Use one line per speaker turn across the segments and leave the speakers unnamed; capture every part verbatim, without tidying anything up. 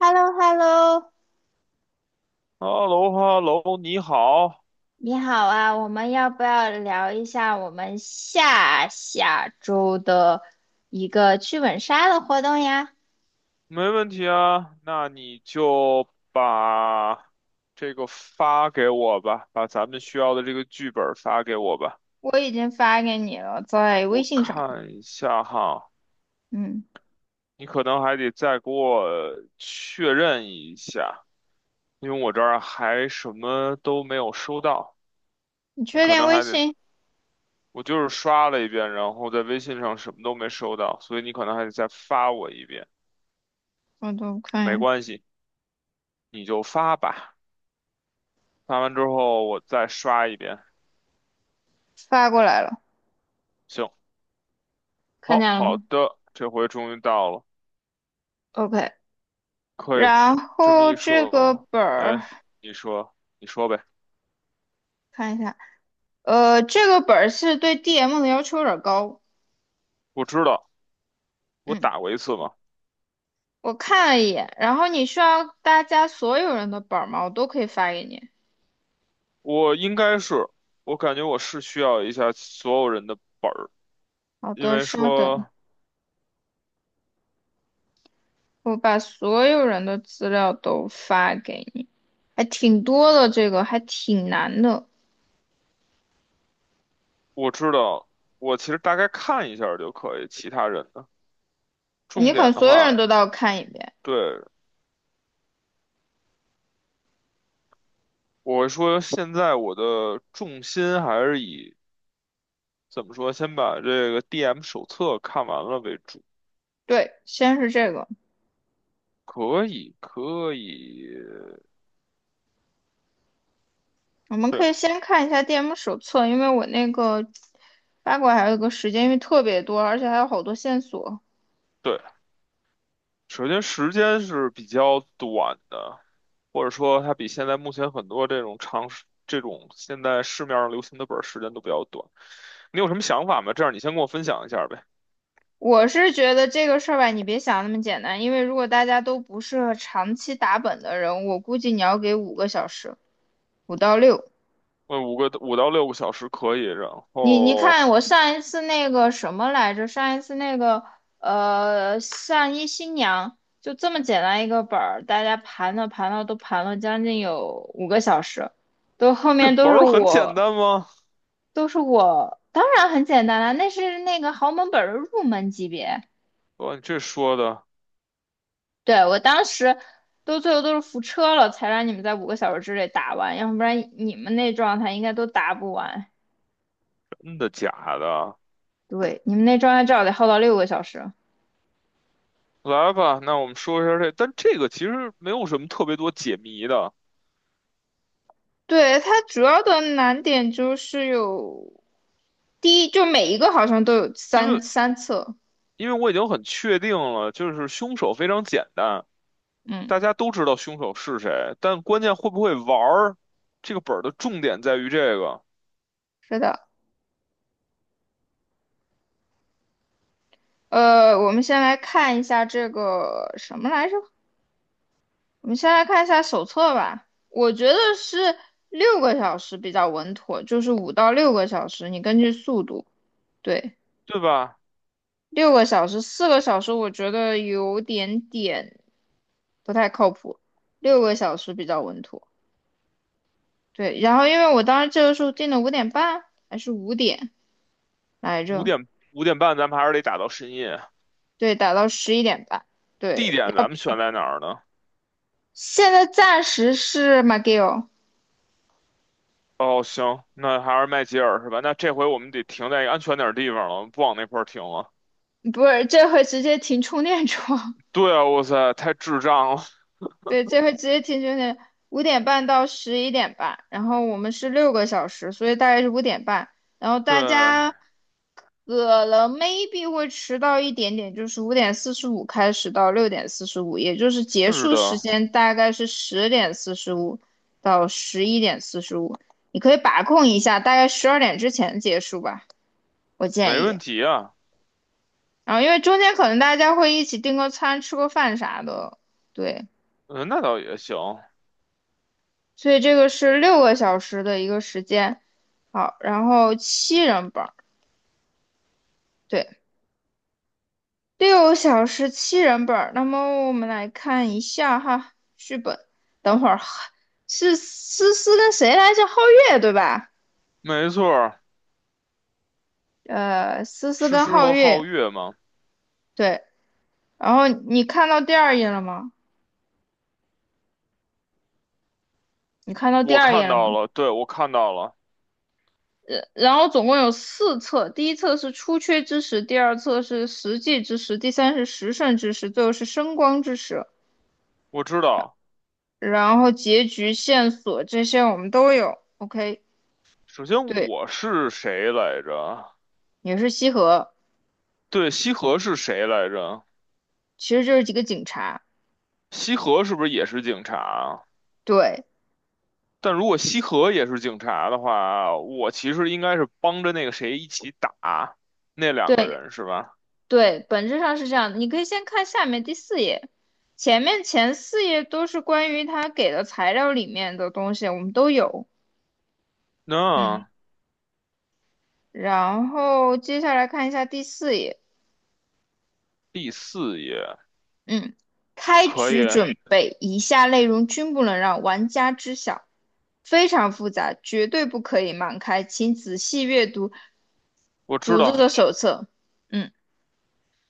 h e l l o h e l l o
h e l l o h e l l o 你好。
你好啊，我们要不要聊一下我们下下周的一个剧本杀的活动呀？
没问题啊。那你就把这个发给我吧，把咱们需要的这个剧本儿发给我吧。
我已经发给你了，在微
我
信上。
看一下哈，
嗯，
你可能还得再给我确认一下，因为我这儿还什么都没有收到。
你
你
确
可
定
能
微
还得，
信？
我就是刷了一遍，然后在微信上什么都没收到，所以你可能还得再发我一遍。
我都看一
没
眼，
关系，你就发吧。看完之后我再刷一遍。
发过来了，
行，
看
好
见了
好
吗
的，这回终于到了，
？OK。
可以
然
这么
后
一
这个
说，
本儿
哎，你说，你说呗。
看一下，呃，这个本儿是对 D M 的要求有点高。
我知道，我
嗯，
打过一次嘛，
我看了一眼，然后你需要大家所有人的本儿吗？我都可以发给你。
我应该是，我感觉我是需要一下所有人的，
好
因
的，
为
稍等，
说
我把所有人的资料都发给你，还挺多的，这个还挺难的，
我知道，我其实大概看一下儿就可以，其他人的重
你可能
点的
所有人
话，
都要看一遍。
对，我会说现在我的重心还是以。怎么说？先把这个 D M 手册看完了为主。
对，先是这个，
可以，可以，
我们
对
可以先看一下 D M 手册，因为我那个八卦还有个时间，因为特别多，而且还有好多线索。
对。首先，时间是比较短的，或者说它比现在目前很多这种长时这种现在市面上流行的本儿时间都比较短。你有什么想法吗？这样你先跟我分享一下呗。
我是觉得这个事儿吧，你别想那么简单，因为如果大家都不是长期打本的人，我估计你要给五个小时，五到六。
问五个五到六个小时可以，然
你你
后
看，我上一次那个什么来着？上一次那个呃，上一新娘就这么简单一个本儿，大家盘了盘了都盘了将近有五个小时，都后
这
面都
本
是
儿很简
我
单吗？
都是我，当然很简单了，那是那个豪门本儿的入门级别。
哇，你这说的
对，我当时都最后都是扶车了，才让你们在五个小时之内打完，要不然你们那状态应该都打不完。
真的假的？
对，你们那状态至少得耗到六个小时。
来吧，那我们说一下这，但这个其实没有什么特别多解谜的，
对，它主要的难点就是有第一，就每一个好像都有
因
三
为
三册。
因为我已经很确定了，就是凶手非常简单，
嗯，
大家都知道凶手是谁，但关键会不会玩儿，这个本儿的重点在于这个，
是的，呃，我们先来看一下这个什么来着？我们先来看一下手册吧。我觉得是六个小时比较稳妥，就是五到六个小时，你根据速度。对，
对吧？
六个小时，四个小时我觉得有点点不太靠谱，六个小时比较稳妥。对，然后因为我当时这个时候定的五点半还是五点来
五
着，
点五点半，咱们还是得打到深夜。
对，打到十一点半，
地
对，
点
要
咱们选在哪儿呢？
现在暂时是马 c g i l l
哦，行，那还是麦吉尔是吧？那这回我们得停在一个安全点儿的地方了，不往那块儿停了。
不是，这回直接停充电桩，
对啊，哇塞，太智障了。
对，这回直接停充电，五点半到十一点半，然后我们是六个小时，所以大概是五点半，然后大
对，
家可能 maybe 会迟到一点点，就是五点四十五开始到六点四十五，也就是结
是
束时
的，
间大概是十点四十五到十一点四十五。你可以把控一下，大概十二点之前结束吧，我
没
建议。
问题啊。
然后因为中间可能大家会一起订个餐、吃个饭啥的，对，
嗯，那倒也行，
所以这个是六个小时的一个时间。好，然后七人本儿，对。六小时七人本儿，那么我们来看一下哈，剧本。等会儿是思思跟谁来着？皓月对吧？
没错儿，
呃，思思
诗
跟
诗
皓
和皓
月
月嘛。
对。然后你看到第二页了吗？你看到第
我
二页
看
了吗？
到了，对，我看到了，
呃，然后总共有四册，第一册是出缺之时，第二册是实际之时，第三是时胜之时，最后是升光之时。
我知道。
然后结局线索这些我们都有。OK，
首先
对，
我是谁来着？
也是西河。
对，西河是谁来着？
其实就是几个警察。
西河是不是也是警察啊？
对
但如果西河也是警察的话，我其实应该是帮着那个谁一起打那两个
对
人，是吧？
对，本质上是这样的。你可以先看下面第四页，前面前四页都是关于他给的材料里面的东西，我们都有。嗯，
那
然后接下来看一下第四页。
第四页
嗯，开
可以，
局准备，以下内容均不能让玩家知晓，非常复杂，绝对不可以盲开，请仔细阅读
我知
组织
道，
的手册。嗯，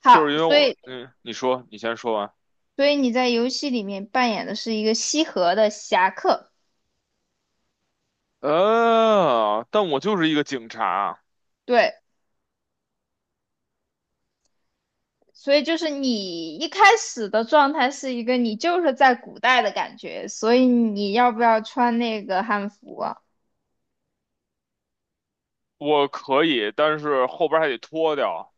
好，
就是因为
所
我，
以
嗯，你说，你先说完。
所以你在游戏里面扮演的是一个西河的侠客，
呃，但我就是一个警察，
对，所以就是你一开始的状态是一个你就是在古代的感觉，所以你要不要穿那个汉服啊？
我可以，但是后边还得脱掉。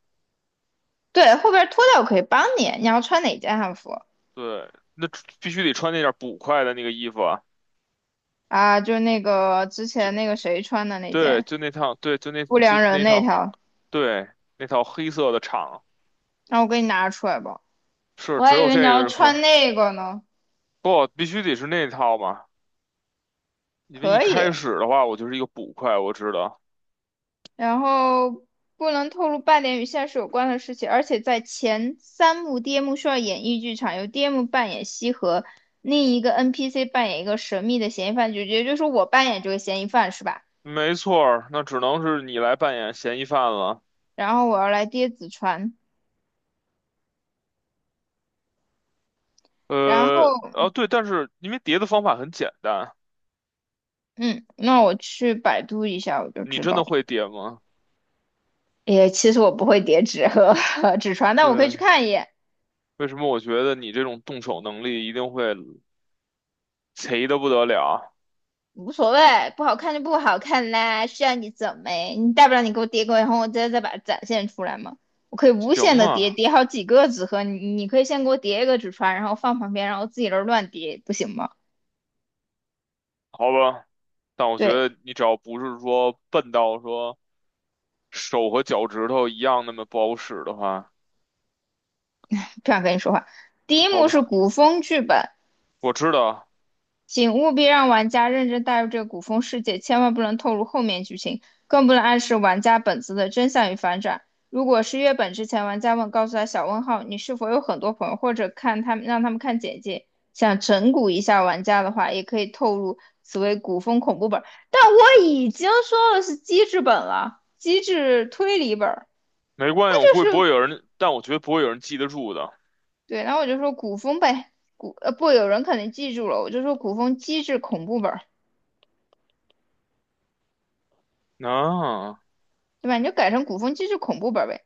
对，后边脱掉我可以帮你，你要穿哪件汉服
对，那必须得穿那件捕快的那个衣服啊，
啊？就那个之
就
前那个谁穿的那
对，
件
就那套，对，就那
不
就
良人
那
那
套，
条，
对，那套黑色的长，
那我给你拿出来吧。
是
我
只
还以
有
为你
这个
要
是可
穿那个呢，
不，必须得是那套嘛，因为一
可以，
开始的话我就是一个捕快，我知道，
然后不能透露半点与现实有关的事情，而且在前三幕，D M 需要演绎剧场，由 D M 扮演西河，另一个 N P C 扮演一个神秘的嫌疑犯，就也就是说我扮演这个嫌疑犯是吧？
没错儿，那只能是你来扮演嫌疑犯了，
然后我要来跌纸船，然后
呃，哦对，但是因为叠的方法很简单，
嗯，那我去百度一下我就
你
知
真
道
的
了
会叠吗？
也其实我不会叠纸和 和纸船，但我可以去
对，
看一眼。
为什么我觉得你这种动手能力一定会贼的不得了啊？
无所谓，不好看就不好看啦，需要你怎么你大不了你给我叠个，然后我再再把它展现出来嘛。我可以无限
行
的叠，
啊。
叠好几个纸盒，你你可以先给我叠一个纸船，然后放旁边，然后自己那这儿乱叠，不行吗？
好吧，但我觉
对，
得你只要不是说笨到说手和脚趾头一样那么不好使的话，
不想跟你说话。第一
好
幕是
吧，
古风剧本，
我知道，
请务必让玩家认真带入这个古风世界，千万不能透露后面剧情，更不能暗示玩家本子的真相与反转。如果是月本之前，玩家问告诉他小问号，你是否有很多朋友，或者看他们让他们看简介，想整蛊一下玩家的话，也可以透露此为古风恐怖本。但我已经说了是机制本了，机制推理本儿，
没关
那
系，我估计不
就是
会有人，但我觉得不会有人记得住的。
对，然后我就说古风呗，古呃不，有人肯定记住了，我就说古风机制恐怖本。
啊，
对吧？你就改成古风机制恐怖本儿呗。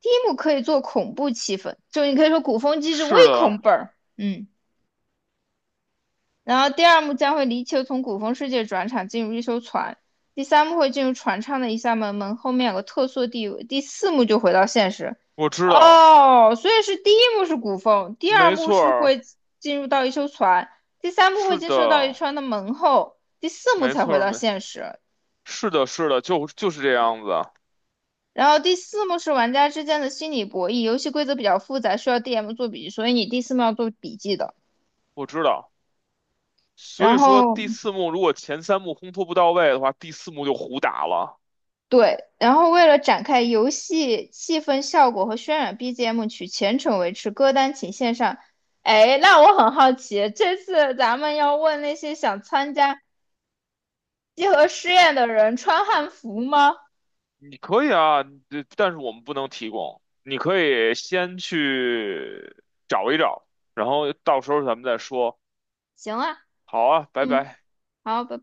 第一幕可以做恐怖气氛，就你可以说古风机制微
是
恐
的，
本儿，嗯。然后第二幕将会离球从古风世界转场进入一艘船，第三幕会进入船舱的一扇门，门后面有个特殊地位，第四幕就回到现实。
我知道，
哦，所以是第一幕是古风，第二
没
幕
错
是
儿，
会进入到一艘船，第三幕会
是
进
的，
入到一船的门后，第四幕
没
才
错
回
儿，
到
没，
现实。
是的，是的，就就是这样子，
然后第四幕是玩家之间的心理博弈，游戏规则比较复杂，需要 D M 做笔记，所以你第四幕要做笔记的。
我知道。所
然
以说
后
第四幕如果前三幕烘托不到位的话，第四幕就胡打了。
对，然后为了展开游戏气氛效果和渲染，B G M 取全程维持，歌单请线上。哎，那我很好奇，这次咱们要问那些想参加集合试验的人穿汉服吗？
你可以啊，呃但是我们不能提供。你可以先去找一找，然后到时候咱们再说。
行啊，
好啊，拜
嗯，
拜。
好，拜拜。